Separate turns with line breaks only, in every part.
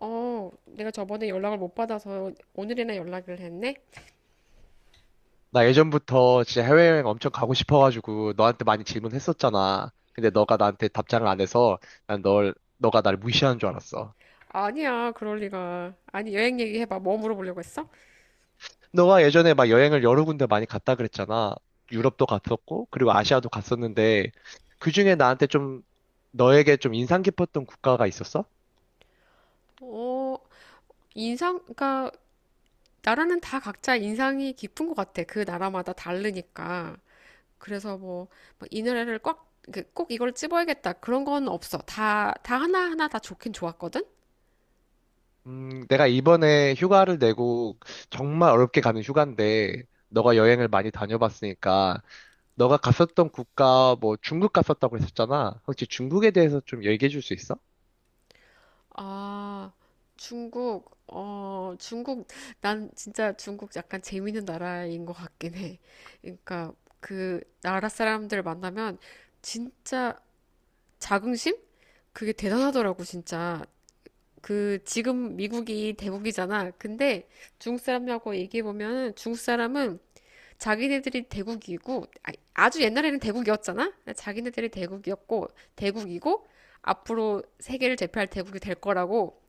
내가 저번에 연락을 못 받아서 오늘이나 연락을 했네?
나 예전부터 진짜 해외여행 엄청 가고 싶어가지고 너한테 많이 질문했었잖아. 근데 너가 나한테 답장을 안 해서 난 널, 너가 날 무시하는 줄 알았어.
아니야, 그럴 리가. 아니, 여행 얘기해봐. 뭐 물어보려고 했어?
너가 예전에 막 여행을 여러 군데 많이 갔다 그랬잖아. 유럽도 갔었고, 그리고 아시아도 갔었는데, 그중에 나한테 좀, 너에게 좀 인상 깊었던 국가가 있었어?
어, 인상, 그러니까, 나라는 다 각자 인상이 깊은 것 같아. 그 나라마다 다르니까. 그래서 뭐, 막이 노래를 꽉, 그꼭 이걸 찝어야겠다. 그런 건 없어. 다 하나하나 다 좋긴 좋았거든?
내가 이번에 휴가를 내고 정말 어렵게 가는 휴가인데, 너가 여행을 많이 다녀봤으니까 너가 갔었던 국가, 뭐 중국 갔었다고 했었잖아. 혹시 중국에 대해서 좀 얘기해 줄 수 있어?
아, 중국, 중국, 난 진짜 중국 약간 재밌는 나라인 것 같긴 해. 그러니까 그 나라 사람들 만나면 진짜 자긍심? 그게 대단하더라고, 진짜. 그 지금 미국이 대국이잖아. 근데 중국 사람하고 얘기해 보면 중국 사람은 자기네들이 대국이고 아주 옛날에는 대국이었잖아. 자기네들이 대국이었고 대국이고 앞으로 세계를 제패할 대국이 될 거라고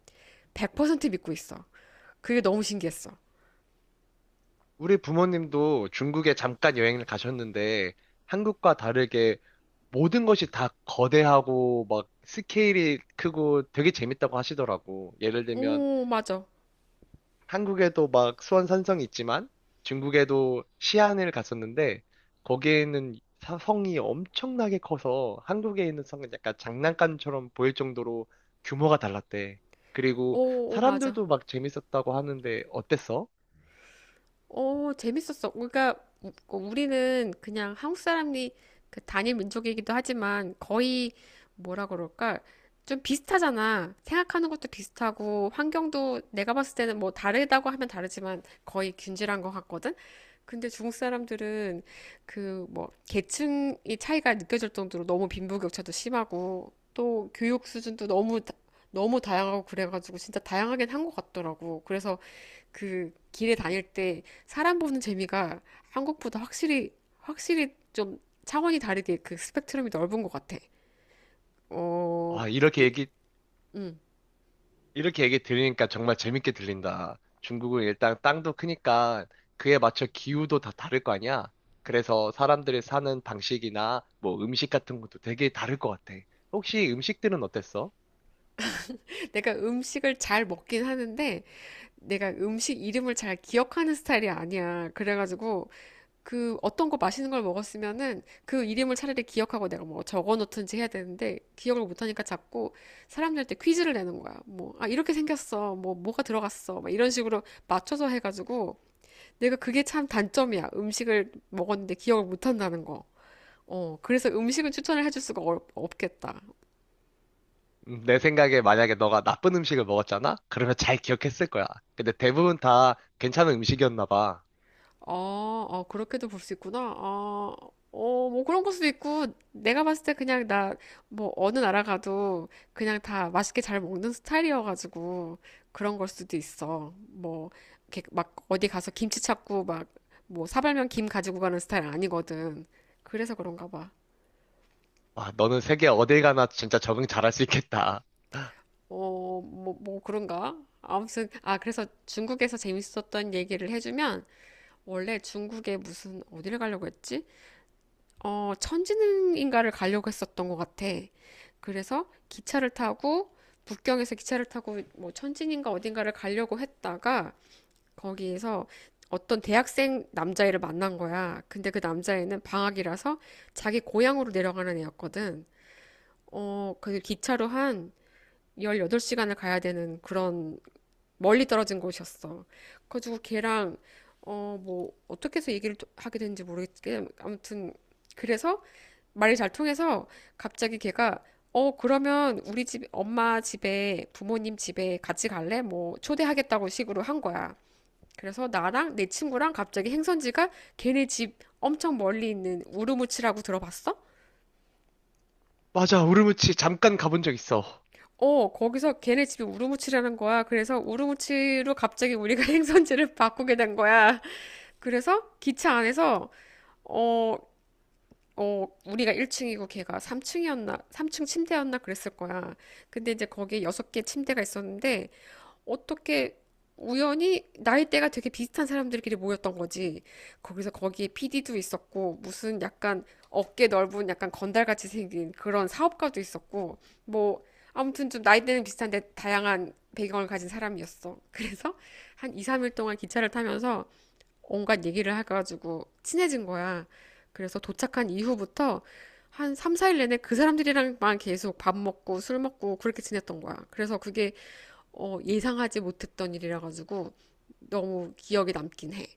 100% 믿고 있어. 그게 너무 신기했어.
우리 부모님도 중국에 잠깐 여행을 가셨는데 한국과 다르게 모든 것이 다 거대하고 막 스케일이 크고 되게 재밌다고 하시더라고. 예를 들면
오, 맞아.
한국에도 막 수원 산성이 있지만 중국에도 시안을 갔었는데 거기에 있는 성이 엄청나게 커서 한국에 있는 성은 약간 장난감처럼 보일 정도로 규모가 달랐대. 그리고
오, 오, 맞아.
사람들도 막 재밌었다고 하는데 어땠어?
오, 재밌었어. 그러니까 우리는 그냥 한국 사람이 그 단일 민족이기도 하지만 거의 뭐라 그럴까? 좀 비슷하잖아. 생각하는 것도 비슷하고 환경도 내가 봤을 때는 뭐 다르다고 하면 다르지만 거의 균질한 것 같거든? 근데 중국 사람들은 그 뭐 계층이 차이가 느껴질 정도로 너무 빈부격차도 심하고 또 교육 수준도 너무 다양하고 그래가지고 진짜 다양하긴 한 것 같더라고. 그래서 그 길에 다닐 때 사람 보는 재미가 한국보다 확실히 좀 차원이 다르게 그 스펙트럼이 넓은 것 같아. 어,
아,
예, 음.
이렇게 얘기 들으니까 정말 재밌게 들린다. 중국은 일단 땅도 크니까 그에 맞춰 기후도 다 다를 거 아니야? 그래서 사람들이 사는 방식이나 뭐 음식 같은 것도 되게 다를 것 같아. 혹시 음식들은 어땠어?
내가 음식을 잘 먹긴 하는데 내가 음식 이름을 잘 기억하는 스타일이 아니야. 그래가지고 그 어떤 거 맛있는 걸 먹었으면은 그 이름을 차라리 기억하고 내가 뭐 적어 놓든지 해야 되는데 기억을 못 하니까 자꾸 사람들한테 퀴즈를 내는 거야. 뭐, 아, 이렇게 생겼어. 뭐, 뭐가 들어갔어. 막 이런 식으로 맞춰서 해가지고 내가 그게 참 단점이야. 음식을 먹었는데 기억을 못 한다는 거. 그래서 음식은 추천을 해줄 수가 없겠다.
내 생각에 만약에 너가 나쁜 음식을 먹었잖아? 그러면 잘 기억했을 거야. 근데 대부분 다 괜찮은 음식이었나 봐.
아, 아, 그렇게도 볼 수 있구나. 아, 뭐 그런 걸 수도 있고, 내가 봤을 때 그냥 나, 뭐, 어느 나라 가도 그냥 다 맛있게 잘 먹는 스타일이어가지고, 그런 걸 수도 있어. 뭐, 이렇게 막 어디 가서 김치 찾고, 막, 뭐, 사발면 김 가지고 가는 스타일 아니거든. 그래서 그런가 봐.
와, 너는 세계 어딜 가나 진짜 적응 잘할 수 있겠다.
뭐, 그런가? 아무튼, 아, 그래서 중국에서 재밌었던 얘기를 해주면, 원래 중국에 무슨, 어디를 가려고 했지? 천지능인가를 가려고 했었던 것 같아. 그래서 기차를 타고 북경에서 기차를 타고 뭐 천지인가 어딘가를 가려고 했다가 거기에서 어떤 대학생 남자애를 만난 거야. 근데 그 남자애는 방학이라서 자기 고향으로 내려가는 애였거든. 그 기차로 한 18시간을 가야 되는 그런 멀리 떨어진 곳이었어. 그래가지고 걔랑 뭐 어떻게 해서 얘기를 또 하게 됐는지 모르겠지만 아무튼 그래서 말이 잘 통해서 갑자기 걔가 그러면 우리 집 엄마 집에 부모님 집에 같이 갈래? 뭐 초대하겠다고 식으로 한 거야. 그래서 나랑 내 친구랑 갑자기 행선지가 걔네 집 엄청 멀리 있는 우르무치라고 들어봤어?
맞아, 우르무치 잠깐 가본 적 있어.
거기서 걔네 집이 우르무치라는 거야. 그래서 우르무치로 갑자기 우리가 행선지를 바꾸게 된 거야. 그래서 기차 안에서 어 우리가 1층이고 걔가 3층이었나, 3층 침대였나 그랬을 거야. 근데 이제 거기에 6개 침대가 있었는데, 어떻게 우연히 나이대가 되게 비슷한 사람들끼리 모였던 거지. 거기서 거기에 PD도 있었고, 무슨 약간 어깨 넓은 약간 건달같이 생긴 그런 사업가도 있었고, 뭐, 아무튼 좀 나이대는 비슷한데 다양한 배경을 가진 사람이었어. 그래서 한 2, 3일 동안 기차를 타면서 온갖 얘기를 해가지고 친해진 거야. 그래서 도착한 이후부터 한 3, 4일 내내 그 사람들이랑만 계속 밥 먹고 술 먹고 그렇게 지냈던 거야. 그래서 그게 예상하지 못했던 일이라 가지고 너무 기억에 남긴 해.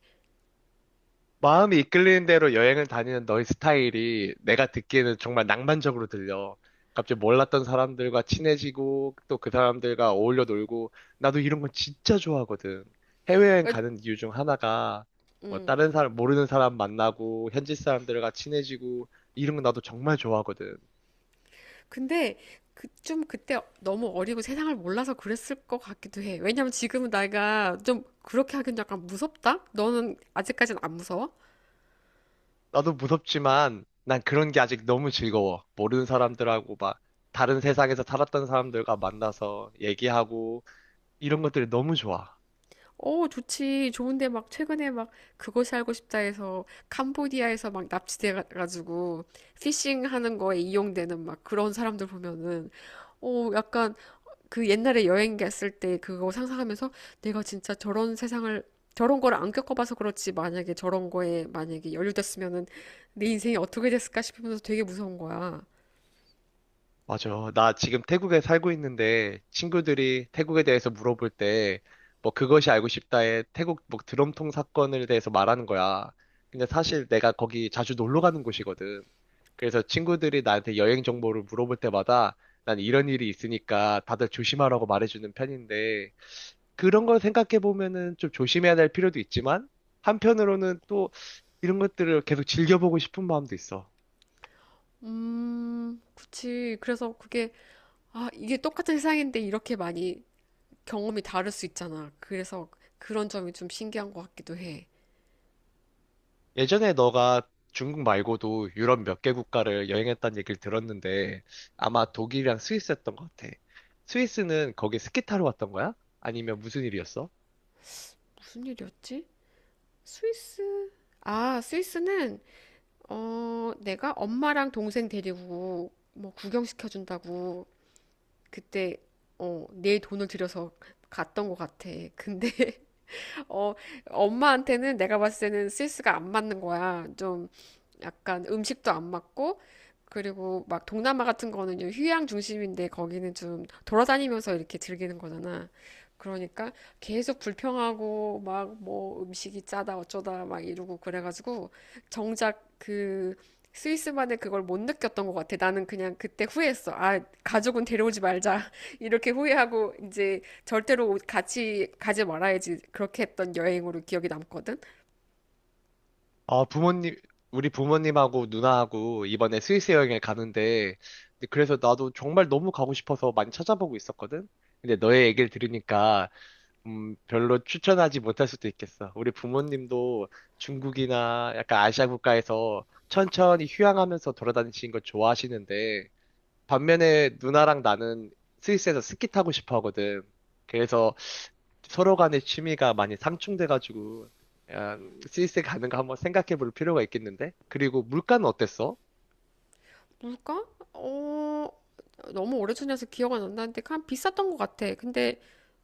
마음이 이끌리는 대로 여행을 다니는 너의 스타일이 내가 듣기에는 정말 낭만적으로 들려. 갑자기 몰랐던 사람들과 친해지고 또 그 사람들과 어울려 놀고 나도 이런 건 진짜 좋아하거든. 해외여행
어,
가는 이유 중 하나가 뭐
음.
다른 사람 모르는 사람 만나고 현지 사람들과 친해지고 이런 거 나도 정말 좋아하거든.
근데 그, 좀 그때 너무 어리고 세상을 몰라서 그랬을 것 같기도 해. 왜냐면 지금은 내가 좀 그렇게 하긴 약간 무섭다? 너는 아직까지는 안 무서워?
나도 무섭지만 난 그런 게 아직 너무 즐거워. 모르는 사람들하고 막 다른 세상에서 살았던 사람들과 만나서 얘기하고 이런 것들이 너무 좋아.
어, 좋지. 좋은데 막 최근에 막 그거살 알고 싶다 해서 캄보디아에서 막 납치돼 가지고 피싱 하는 거에 이용되는 막 그런 사람들 보면은 약간 그 옛날에 여행 갔을 때 그거 상상하면서 내가 진짜 저런 세상을 저런 걸 안 겪어봐서 그렇지 만약에 저런 거에 만약에 연루됐으면은 내 인생이 어떻게 됐을까 싶으면서 되게 무서운 거야.
맞아. 나 지금 태국에 살고 있는데 친구들이 태국에 대해서 물어볼 때 뭐 그것이 알고 싶다에 태국 뭐 드럼통 사건을 대해서 말하는 거야. 근데 사실 내가 거기 자주 놀러 가는 곳이거든. 그래서 친구들이 나한테 여행 정보를 물어볼 때마다 난 이런 일이 있으니까 다들 조심하라고 말해주는 편인데 그런 걸 생각해 보면은 좀 조심해야 될 필요도 있지만 한편으로는 또 이런 것들을 계속 즐겨보고 싶은 마음도 있어.
그치. 그래서 그게 아, 이게 똑같은 세상인데 이렇게 많이 경험이 다를 수 있잖아. 그래서 그런 점이 좀 신기한 것 같기도 해.
예전에 너가 중국 말고도 유럽 몇 개 국가를 여행했다는 얘기를 들었는데 아마 독일이랑 스위스였던 것 같아. 스위스는 거기 스키 타러 왔던 거야? 아니면 무슨 일이었어?
무슨 일이었지? 스위스? 아, 스위스는, 내가 엄마랑 동생 데리고 뭐 구경시켜준다고 그때, 내 돈을 들여서 갔던 것 같아. 근데 어, 엄마한테는 내가 봤을 때는 센스가 안 맞는 거야. 좀 약간 음식도 안 맞고, 그리고 막 동남아 같은 거는 좀 휴양 중심인데 거기는 좀 돌아다니면서 이렇게 즐기는 거잖아. 그러니까 계속 불평하고 막 뭐 음식이 짜다 어쩌다 막 이러고 그래가지고 정작 그 스위스만의 그걸 못 느꼈던 것 같아. 나는 그냥 그때 후회했어. 아, 가족은 데려오지 말자. 이렇게 후회하고 이제 절대로 같이 가지 말아야지 그렇게 했던 여행으로 기억이 남거든.
아, 부모님, 우리 부모님하고 누나하고 이번에 스위스 여행을 가는데 근데 그래서 나도 정말 너무 가고 싶어서 많이 찾아보고 있었거든? 근데 너의 얘기를 들으니까 별로 추천하지 못할 수도 있겠어. 우리 부모님도 중국이나 약간 아시아 국가에서 천천히 휴양하면서 돌아다니시는 걸 좋아하시는데, 반면에 누나랑 나는 스위스에서 스키 타고 싶어 하거든. 그래서 서로 간의 취미가 많이 상충돼가지고, 약간 스위스 가는 거 한번 생각해 볼 필요가 있겠는데? 그리고 물가는 어땠어?
뭘까? 어, 너무 오래전이라서 기억 안 난다는데 그냥 비쌌던 것 같아. 근데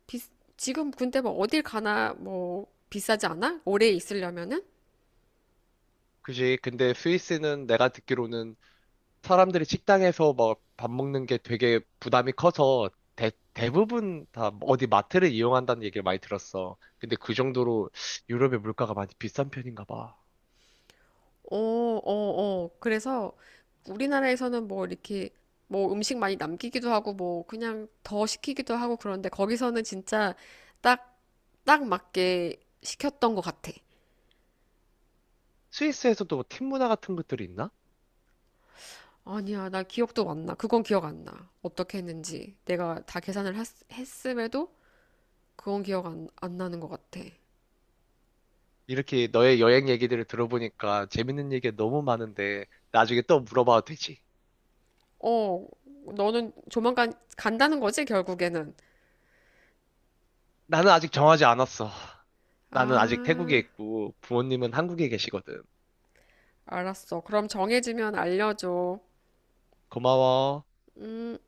비, 지금 근데 뭐 어딜 가나 뭐 비싸지 않아? 오래 있으려면은?
그지? 근데 스위스는 내가 듣기로는 사람들이 식당에서 막 밥 먹는 게 되게 부담이 커서 대부분 다 어디 마트를 이용한다는 얘기를 많이 들었어. 근데 그 정도로 유럽의 물가가 많이 비싼 편인가 봐.
어, 어, 어. 그래서 우리나라에서는 뭐 이렇게 뭐 음식 많이 남기기도 하고 뭐 그냥 더 시키기도 하고 그런데 거기서는 진짜 딱, 딱 맞게 시켰던 것 같아.
스위스에서도 뭐 팀 문화 같은 것들이 있나?
아니야, 나 기억도 안 나. 그건 기억 안 나. 어떻게 했는지. 내가 다 계산을 했음에도 그건 기억 안 나는 것 같아.
이렇게 너의 여행 얘기들을 들어보니까 재밌는 얘기가 너무 많은데 나중에 또 물어봐도 되지.
어, 너는 조만간 간다는 거지, 결국에는.
나는 아직 정하지 않았어. 나는 아직 태국에
아,
있고 부모님은 한국에 계시거든.
알았어. 그럼 정해지면 알려줘.
고마워.
음.